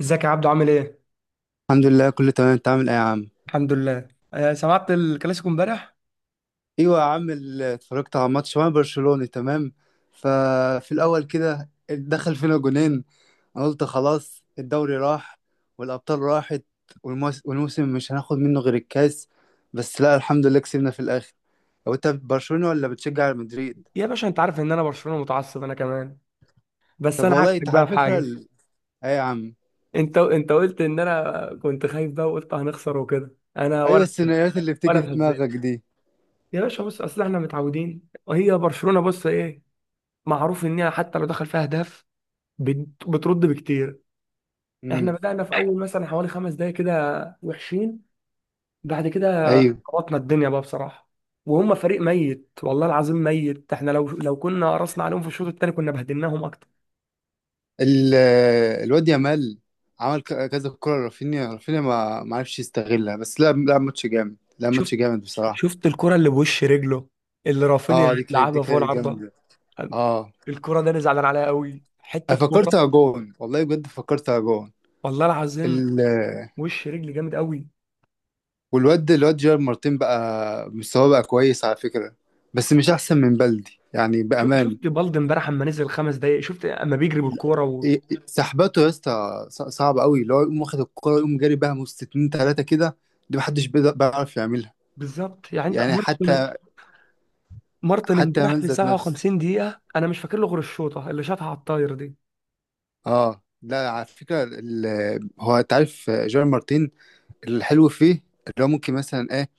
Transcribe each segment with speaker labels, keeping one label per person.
Speaker 1: ازيك يا عبدو؟ عامل ايه؟
Speaker 2: الحمد لله كله تمام. انت عامل ايه يا عم؟
Speaker 1: الحمد لله. سمعت الكلاسيكو امبارح؟
Speaker 2: ايوه يا عم، اتفرجت على ماتش وانا برشلوني تمام. ففي الاول كده دخل فينا جونين، انا قلت خلاص الدوري راح والابطال راحت والموسم مش هناخد منه غير الكاس. بس لا، الحمد لله كسبنا في الاخر. هو انت برشلوني ولا بتشجع على مدريد؟
Speaker 1: يا باشا، انت عارف ان انا برشلونة متعصب انا كمان. بس
Speaker 2: طب
Speaker 1: انا
Speaker 2: والله
Speaker 1: عكسك
Speaker 2: انت على
Speaker 1: بقى في
Speaker 2: فكره
Speaker 1: حاجة.
Speaker 2: ايه يا عم؟
Speaker 1: انت قلت ان انا كنت خايف بقى، وقلت هنخسر وكده انا،
Speaker 2: ايوه،
Speaker 1: ولا،
Speaker 2: السيناريوهات اللي
Speaker 1: ولا
Speaker 2: بتيجي في
Speaker 1: اتهزيت.
Speaker 2: دماغك دي.
Speaker 1: يا باشا بص، اصل احنا متعودين، وهي برشلونة، بص، ايه، معروف ان هي حتى لو دخل فيها اهداف بترد بكتير. احنا
Speaker 2: امم.
Speaker 1: بدأنا في اول مثلا حوالي 5 دقايق كده وحشين. بعد كده ظبطنا الدنيا بقى بصراحه. وهم فريق ميت، والله العظيم ميت. احنا لو كنا قرصنا عليهم في الشوط الثاني كنا بهدلناهم اكتر.
Speaker 2: ال- الواد يامال عمل كذا كرة. رافينيا رافينيا ما عرفش يستغلها. بس لا لا، ماتش جامد، لا
Speaker 1: شفت؟
Speaker 2: ماتش جامد بصراحة.
Speaker 1: شفت الكره اللي بوش رجله، اللي رافينيا
Speaker 2: اه دي كانت
Speaker 1: لعبها فوق العارضه؟
Speaker 2: جامدة اه.
Speaker 1: الكره ده انا زعلان عليها قوي، حته
Speaker 2: أنا
Speaker 1: كوره.
Speaker 2: فكرتها جون، والله بجد فكرتها جون.
Speaker 1: والله العظيم
Speaker 2: ال
Speaker 1: وش رجلي جامد قوي.
Speaker 2: والواد جيرار مارتين بقى مستواه بقى كويس على فكرة، بس مش أحسن من بلدي يعني بأمان.
Speaker 1: شفت بالدي امبارح اما نزل 5 دقايق، شفت اما بيجري بالكوره و...
Speaker 2: إيه- إيه، سحباته يا اسطى، صعب قوي اللي هو يقوم واخد الكرة يقوم جاري بيها من 63 كده. دي محدش بيعرف يعملها.
Speaker 1: بالظبط. يعني انت
Speaker 2: يعني
Speaker 1: مارتن،
Speaker 2: حتى
Speaker 1: مارتن امبارح
Speaker 2: يامال
Speaker 1: في
Speaker 2: ذات نفس
Speaker 1: 57 دقيقه انا مش فاكر له غير الشوطه اللي شاطها على الطاير دي.
Speaker 2: اه. لا على فكره، هو انت عارف جيرار مارتين الحلو فيه؟ اللي هو ممكن مثلا ايه.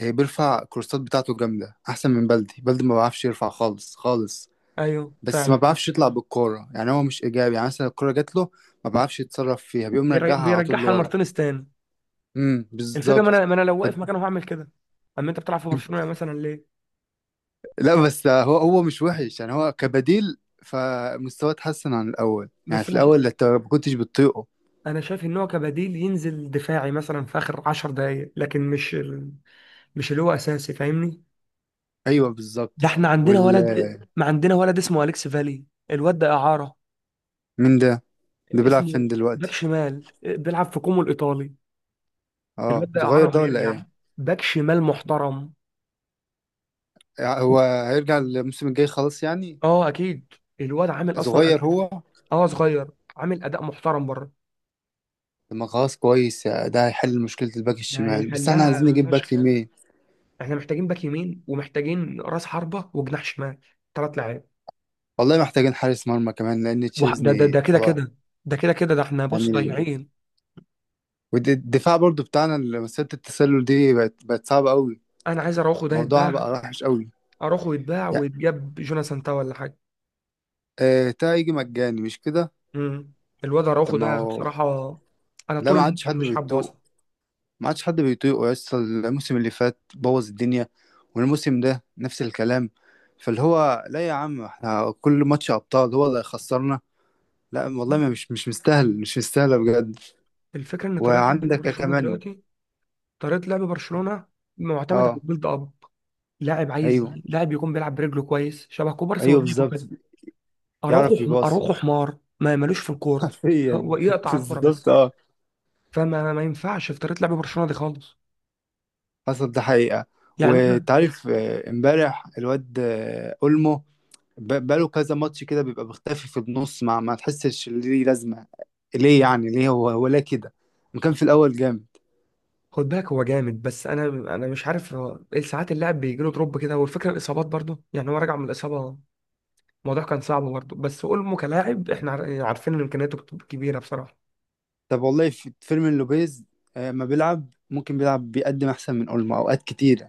Speaker 2: إيه بيرفع الكورسات بتاعته جامده، احسن من بلدي. بلدي ما بعرفش يرفع خالص خالص.
Speaker 1: ايوه
Speaker 2: بس ما
Speaker 1: فعلا.
Speaker 2: بعرفش يطلع بالكوره، يعني هو مش ايجابي. يعني مثلا الكوره جات له ما بعرفش يتصرف فيها، بيقوم مرجعها على طول
Speaker 1: بيرجعها
Speaker 2: لورا.
Speaker 1: لمارتينيز تاني.
Speaker 2: امم،
Speaker 1: الفكره ما
Speaker 2: بالظبط.
Speaker 1: انا ما انا لو واقف
Speaker 2: ف-
Speaker 1: مكانه هعمل كده. اما انت بتلعب في برشلونه مثلا ليه؟
Speaker 2: لا بس هو مش وحش يعني، هو كبديل. فمستواه اتحسن عن الاول، يعني
Speaker 1: بس
Speaker 2: في
Speaker 1: انا شا...
Speaker 2: الاول انت ما كنتش بتطيقه.
Speaker 1: انا شايف ان هو كبديل ينزل دفاعي مثلا في اخر 10 دقائق، لكن مش اللي هو اساسي، فاهمني؟
Speaker 2: ايوه
Speaker 1: ده
Speaker 2: بالظبط.
Speaker 1: احنا عندنا
Speaker 2: وال
Speaker 1: ولد، ما عندنا ولد اسمه اليكس فالي. الواد ده اعاره،
Speaker 2: مين ده؟ اللي بيلعب فين
Speaker 1: اسمه باك
Speaker 2: دلوقتي؟
Speaker 1: شمال، بيلعب في كومو الايطالي.
Speaker 2: اه
Speaker 1: الواد ده اعاره
Speaker 2: صغير ده ولا
Speaker 1: وهيرجع.
Speaker 2: ايه؟
Speaker 1: باك شمال محترم.
Speaker 2: يعني هو هيرجع الموسم الجاي خلاص يعني؟
Speaker 1: اه اكيد. الواد عامل اصلا اداء.
Speaker 2: صغير هو؟
Speaker 1: اه صغير، عامل اداء محترم بره.
Speaker 2: طب ما خلاص كويس، ده هيحل مشكلة الباك
Speaker 1: ده
Speaker 2: الشمال، بس احنا عايزين
Speaker 1: هيحلها
Speaker 2: نجيب باك
Speaker 1: فشخ.
Speaker 2: يمين.
Speaker 1: احنا محتاجين باك يمين، ومحتاجين راس حربة، وجناح شمال. 3 لعيب.
Speaker 2: والله محتاجين حارس مرمى كمان لان
Speaker 1: ده
Speaker 2: تشيزني
Speaker 1: كده
Speaker 2: خلاص.
Speaker 1: كده. ده كده كده، ده احنا بص
Speaker 2: يعني
Speaker 1: ضايعين.
Speaker 2: والدفاع برضو بتاعنا، اللي مسيرة التسلل دي بقت صعبة قوي.
Speaker 1: انا عايز اروخو ده
Speaker 2: موضوعها
Speaker 1: يتباع،
Speaker 2: بقى وحش قوي.
Speaker 1: اروخو يتباع
Speaker 2: يعني
Speaker 1: ويتجاب جوناثان تاو ولا حاجة.
Speaker 2: آه، تا يجي مجاني مش كده؟
Speaker 1: امم الواد
Speaker 2: طب
Speaker 1: اروخو
Speaker 2: ما
Speaker 1: ده
Speaker 2: هو،
Speaker 1: بصراحة، انا
Speaker 2: لا
Speaker 1: طول
Speaker 2: ما عادش
Speaker 1: الموسم
Speaker 2: حد
Speaker 1: مش حابه اصلا.
Speaker 2: بيتوق، ما عادش حد بيطيقه يسطا. الموسم اللي فات بوظ الدنيا، والموسم ده نفس الكلام. فاللي هو لا يا عم، احنا كل ماتش ابطال هو اللي هيخسرنا. لا والله،
Speaker 1: بالظبط.
Speaker 2: مش مستاهل، مش مستاهله بجد.
Speaker 1: الفكرة ان طريقة لعب
Speaker 2: وعندك
Speaker 1: برشلونة
Speaker 2: كمان.
Speaker 1: دلوقتي، طريقة لعب برشلونة، معتمد على
Speaker 2: اه.
Speaker 1: البيلد اب. لاعب عايز،
Speaker 2: ايوه
Speaker 1: لاعب يكون بيلعب برجله كويس شبه كوبارسي
Speaker 2: ايوه
Speaker 1: وانيجو
Speaker 2: بالظبط.
Speaker 1: كده.
Speaker 2: يعرف يباصي،
Speaker 1: اروخو حمار، ما ملوش في الكورة.
Speaker 2: حرفيا
Speaker 1: هو يقطع الكورة
Speaker 2: بالظبط
Speaker 1: بس.
Speaker 2: اه.
Speaker 1: فما ما ينفعش في طريقه لعب برشلونه دي خالص.
Speaker 2: حصل ده حقيقه.
Speaker 1: يعني احنا،
Speaker 2: وتعرف آه، امبارح الواد آه، اولمو بقاله كذا ماتش كده بيبقى مختفي في النص، ما تحسش ليه لازمة. ليه يعني، ليه هو ليه كده؟ ما كان في الأول جامد.
Speaker 1: خد بالك هو جامد، بس انا، انا مش عارف هو ايه. ساعات اللاعب بيجي له دروب كده، والفكره الاصابات برضو، يعني هو راجع من الاصابه، الموضوع كان صعب برضو. بس اولمو كلاعب احنا عارفين ان امكانياته كبيره بصراحه.
Speaker 2: طب والله في فيرمين لوبيز آه، ما بيلعب، ممكن بيلعب بيقدم أحسن من أولمو أوقات كتير.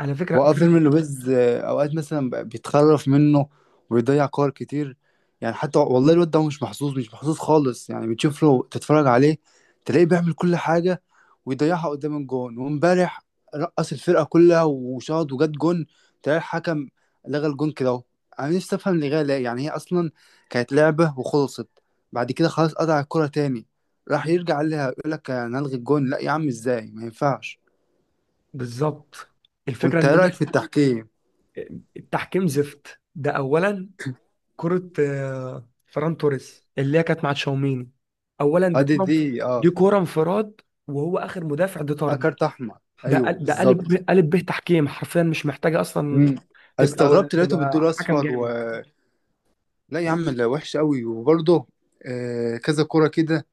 Speaker 1: على فكره فرق-
Speaker 2: وفيلم لويز آه، اوقات مثلا بيتخرف منه وبيضيع كور كتير. يعني حتى والله الواد ده مش محظوظ، مش محظوظ خالص. يعني بتشوف له، تتفرج عليه تلاقيه بيعمل كل حاجة ويضيعها قدام الجون. وامبارح رقص الفرقة كلها وشاط وجات جون، تلاقي الحكم لغى الجون كده اهو. انا نفسي افهم لغاية ليه، يعني هي اصلا كانت لعبة وخلصت، بعد كده خلاص قطع الكرة تاني، راح يرجع لها يقول لك هنلغي الجون. لا يا عم ازاي، ما ينفعش.
Speaker 1: بالظبط. الفكره
Speaker 2: وانت
Speaker 1: ان
Speaker 2: ايه رأيك
Speaker 1: هي
Speaker 2: في التحكيم؟
Speaker 1: التحكيم زفت، ده اولا. كره فران توريس اللي هي كانت مع تشاوميني، اولا دي
Speaker 2: ادي
Speaker 1: كره،
Speaker 2: دي اه.
Speaker 1: دي كره انفراد، وهو اخر مدافع، دي
Speaker 2: آه،
Speaker 1: طرد.
Speaker 2: كارت احمر. ايوه بالظبط.
Speaker 1: قالب به تحكيم حرفيا، مش محتاجه اصلا.
Speaker 2: امم.
Speaker 1: تبقى
Speaker 2: استغربت لقيته
Speaker 1: تبقى
Speaker 2: بالدول
Speaker 1: حكم
Speaker 2: اصفر
Speaker 1: جامد.
Speaker 2: لا يا عم لا، وحش قوي. وبرضه آه كذا كرة كده.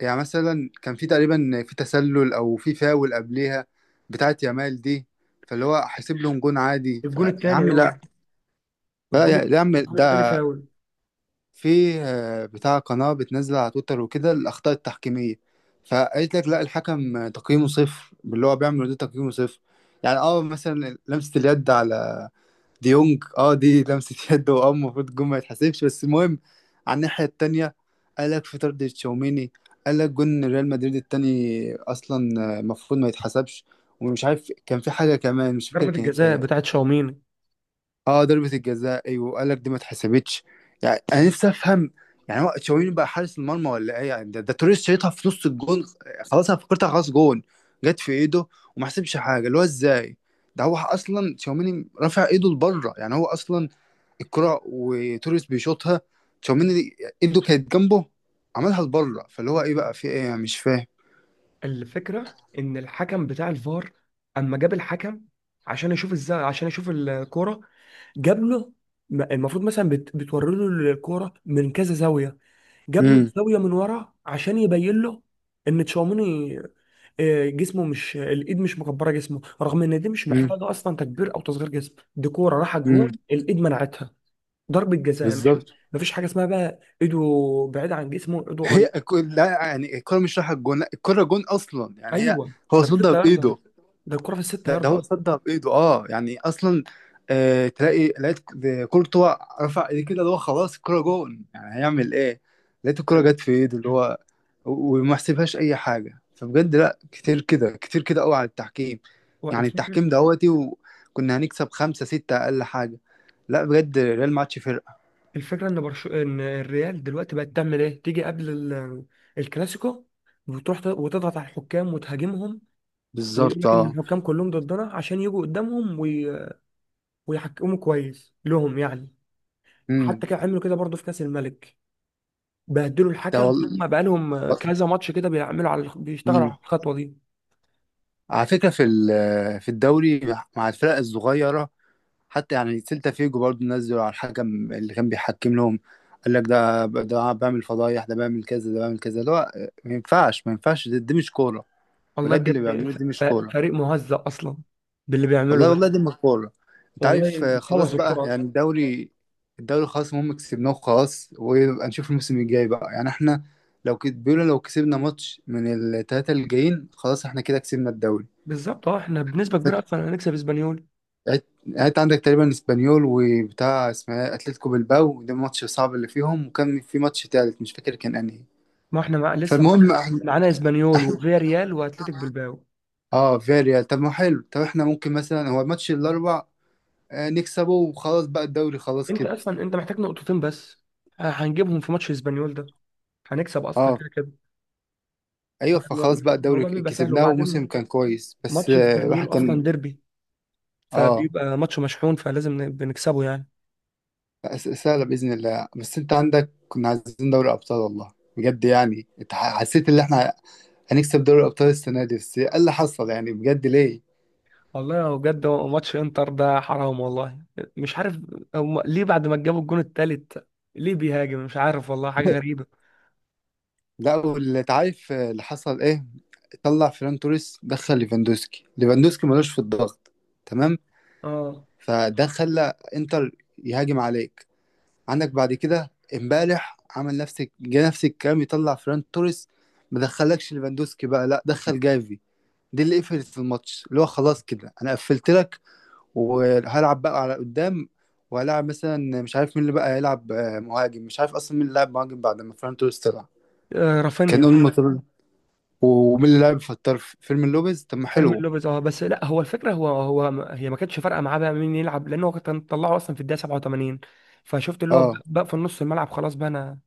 Speaker 2: يعني مثلا كان في تقريبا في تسلل او في فاول قبليها، بتاعت يامال دي. فاللي هو حاسب لهم جون عادي.
Speaker 1: الجون
Speaker 2: يا
Speaker 1: الثاني
Speaker 2: عم
Speaker 1: اه،
Speaker 2: لا.
Speaker 1: الجون،
Speaker 2: لا يا عم،
Speaker 1: الجون الثاني
Speaker 2: ده
Speaker 1: فاول.
Speaker 2: في آه، بتاع قناة بتنزل على تويتر وكده الأخطاء التحكيمية. فقالت لك لا، الحكم تقييمه صفر، اللي هو بيعمل ده تقييمه صفر. يعني اه، مثلا لمسة اليد على ديونج، اه دي لمسة يد، واه المفروض الجون ما يتحسبش. بس المهم على الناحية التانية، قالك في طرد تشاوميني، قالك جون ريال مدريد التاني أصلا آه، المفروض ما يتحسبش. ومش عارف كان في حاجة كمان، مش فاكر
Speaker 1: ضربه
Speaker 2: كانت
Speaker 1: الجزاء
Speaker 2: ايه.
Speaker 1: بتاعت شاومين.
Speaker 2: اه ضربة الجزاء، ايوه قالك دي ما اتحسبتش. يعني أنا نفسي أفهم، يعني هو تشاوميني بقى حارس المرمى ولا ايه يعني؟ ده توريس شايطها في نص الجون، خلاص أنا فكرتها خلاص جون. جت في إيده وما حسبش حاجة، اللي هو ازاي. ده هو اصلا تشاوميني رافع ايده لبره، يعني هو اصلا الكرة وتوريس بيشوطها، تشاوميني ايده كانت جنبه، عملها لبره. فاللي هو ايه بقى، في ايه أنا مش فاهم.
Speaker 1: الفكره ان الحكم بتاع الفار اما جاب الحكم عشان يشوف ازاي، عشان يشوف الكوره، جاب له، المفروض مثلا بتوري له الكوره من كذا زاويه. جاب له
Speaker 2: امم.
Speaker 1: زاويه من ورا عشان يبين له ان تشاوميني جسمه، مش الايد، مش مكبره جسمه، رغم ان دي مش
Speaker 2: امم.
Speaker 1: محتاجه اصلا تكبير او تصغير جسم. دي كوره راحت جون،
Speaker 2: امم.
Speaker 1: الايد منعتها. ضربه جزاء، مش،
Speaker 2: بالظبط.
Speaker 1: مفيش حاجه اسمها بقى ايده بعيده عن جسمه، ايده قريب.
Speaker 2: لا يعني الكرة مش رايحة الجون، لا الكرة جون اصلا يعني هي
Speaker 1: ايوه،
Speaker 2: هو
Speaker 1: ده في
Speaker 2: صدها
Speaker 1: 6 ياردة،
Speaker 2: بايده.
Speaker 1: ده الكوره في الست
Speaker 2: ده
Speaker 1: ياردة
Speaker 2: هو
Speaker 1: اصلا.
Speaker 2: صدق بايده، اه يعني اصلا. آه تلاقي لقيت كورتوا رفع ايديه كده، اللي هو خلاص الكرة جون يعني هيعمل ايه. لقيت الكرة جت في ايده اللي هو وما حسبهاش اي حاجة. فبجد لا، كتير كده، كتير كده قوي على التحكيم.
Speaker 1: هو
Speaker 2: يعني
Speaker 1: الفكره،
Speaker 2: التحكيم دهوتي، وكنا هنكسب خمسة ستة اقل حاجة. لا بجد ريال ما عادش فرقة.
Speaker 1: ان الريال دلوقتي بقت تعمل ايه، تيجي قبل الكلاسيكو، وتضغط على الحكام وتهاجمهم، ويقول
Speaker 2: بالظبط
Speaker 1: لك ان
Speaker 2: اه.
Speaker 1: الحكام كلهم ضدنا عشان يجوا قدامهم ويحكموا كويس لهم يعني. حتى
Speaker 2: امم.
Speaker 1: كانوا عملوا كده برضه في كاس الملك، بهدلوا
Speaker 2: ده
Speaker 1: الحكم.
Speaker 2: والله.
Speaker 1: فهم بقى لهم كذا ماتش كده بيعملوا على بيشتغلوا
Speaker 2: مم.
Speaker 1: على الخطوه دي.
Speaker 2: على فكرة في في الدوري مع الفرق الصغيرة، حتى يعني سيلتا فيجو برضه نزلوا على الحكم اللي كان بيحكم لهم. قال لك ده ده بعمل فضايح، ده بعمل كذا، ده بعمل كذا. اللي هو ما ينفعش، ما ينفعش. دي مش كورة،
Speaker 1: والله
Speaker 2: بجد اللي
Speaker 1: بجد
Speaker 2: بيعملوه
Speaker 1: ف...
Speaker 2: دي
Speaker 1: ف-
Speaker 2: مش كورة.
Speaker 1: فريق مهزأ اصلا باللي بيعمله
Speaker 2: والله
Speaker 1: ده.
Speaker 2: والله دي مش كورة. انت عارف
Speaker 1: والله
Speaker 2: آه، خلاص
Speaker 1: بوظ
Speaker 2: بقى
Speaker 1: الكره
Speaker 2: يعني
Speaker 1: اصلا.
Speaker 2: الدوري، الدوري خلاص المهم كسبناه وخلاص. ويبقى نشوف الموسم الجاي بقى. يعني احنا لو بيقولوا لو كسبنا ماتش من التلاتة اللي جايين، خلاص احنا كده كسبنا الدوري.
Speaker 1: بالظبط اه. احنا بنسبه كبيره اصلا هنكسب اسبانيول.
Speaker 2: يعني انت عندك تقريبا اسبانيول وبتاع اسمها ايه؟ اتلتيكو بالباو. ده الماتش الصعب اللي فيهم. وكان في ماتش تالت مش فاكر كان انهي.
Speaker 1: ما احنا لسه
Speaker 2: فالمهم
Speaker 1: معانا،
Speaker 2: احنا
Speaker 1: معانا اسبانيول وفياريال واتلتيك بالباو.
Speaker 2: اه فياريال. طب ما حلو، طب احنا ممكن مثلا هو الماتش الاربع آه، نكسبه وخلاص بقى الدوري خلاص
Speaker 1: انت
Speaker 2: كده.
Speaker 1: اصلا انت محتاج نقطتين بس، هنجيبهم في ماتش اسبانيول ده، هنكسب اصلا
Speaker 2: اه
Speaker 1: كده كده.
Speaker 2: ايوه، فخلاص بقى الدوري
Speaker 1: الموضوع بيبقى سهل.
Speaker 2: كسبناه،
Speaker 1: وبعدين
Speaker 2: وموسم كان كويس. بس
Speaker 1: ماتش
Speaker 2: آه، الواحد
Speaker 1: اسبانيول
Speaker 2: كان
Speaker 1: اصلا ديربي،
Speaker 2: اه
Speaker 1: فبيبقى ماتش مشحون، بنكسبه يعني.
Speaker 2: سهله باذن الله. بس انت عندك كنا عايزين دوري ابطال، والله بجد يعني انت حسيت ان احنا هنكسب دوري الابطال السنه دي، بس ايه اللي حصل يعني بجد ليه.
Speaker 1: والله لو بجد، هو ماتش انتر ده حرام والله. مش عارف، هم ليه بعد ما جابوا الجون التالت ليه بيهاجم؟ مش عارف والله، حاجة غريبة.
Speaker 2: لا، واللي عارف اللي حصل ايه، طلع فيران توريس دخل ليفاندوسكي، ليفاندوسكي ملوش في الضغط تمام.
Speaker 1: اه.
Speaker 2: فده خلى انتر يهاجم عليك. عندك بعد كده امبارح عمل نفس، جه نفس الكلام، يطلع فيران توريس، ما دخلكش ليفاندوسكي بقى، لا دخل جافي. دي اللي قفلت الماتش، اللي هو خلاص كده انا قفلت لك وهلعب بقى على قدام. وهلعب مثلا مش عارف مين اللي بقى هيلعب آه، مهاجم. مش عارف اصلا مين اللي لعب مهاجم بعد ما فيران توريس طلع. كان
Speaker 1: رافينيا.
Speaker 2: اول ما ومين اللي لعب فتار في فيلم لوبيز. طب ما
Speaker 1: فيرمين
Speaker 2: حلو
Speaker 1: لوبيز اه. بس لا، هو الفكرة، هو هو ما- هي ما كانتش فارقة معاه بقى مين يلعب، لأنه كان طلعه أصلا في الدقيقة 87. فشفت اللي هو
Speaker 2: اه.
Speaker 1: بقى في النص الملعب خلاص، بقى أنا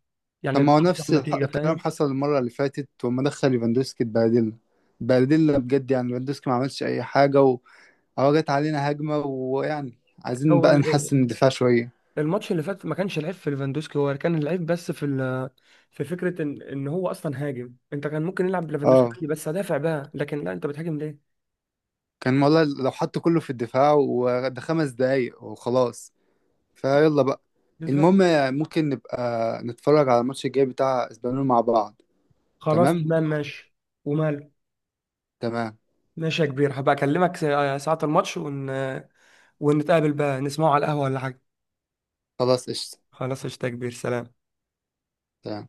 Speaker 2: طب
Speaker 1: يعني
Speaker 2: ما هو
Speaker 1: بحط على
Speaker 2: نفس
Speaker 1: النتيجة،
Speaker 2: الكلام
Speaker 1: فاهم؟
Speaker 2: حصل المرة اللي فاتت، وما دخل ليفاندوسكي اتبهدلنا. اتبهدلنا بجد، يعني ليفاندوسكي ما عملش أي حاجة وهو جت علينا هجمة، ويعني عايزين
Speaker 1: هو
Speaker 2: بقى
Speaker 1: ال-
Speaker 2: نحسن الدفاع شوية.
Speaker 1: الماتش اللي فات ما كانش العيب في ليفاندوسكي، هو كان العيب بس في في فكره ان هو اصلا هاجم. انت كان ممكن يلعب ليفاندوسكي
Speaker 2: اه
Speaker 1: عادي بس هدافع بقى، لكن لا، انت بتهاجم ليه؟
Speaker 2: كان والله لو حطوا كله في الدفاع وده 5 دقايق وخلاص فيلا بقى.
Speaker 1: بالظبط.
Speaker 2: المهم ممكن نبقى نتفرج على الماتش الجاي بتاع اسبانيول مع بعض.
Speaker 1: خلاص
Speaker 2: تمام.
Speaker 1: تمام ماشي. ومال.
Speaker 2: تمام.
Speaker 1: ماشي يا كبير، هبقى اكلمك ساعه الماتش ونتقابل بقى نسمعه على القهوه ولا حاجه.
Speaker 2: خلاص قشطة.
Speaker 1: خلاص قشطة يا كبير، سلام.
Speaker 2: تمام.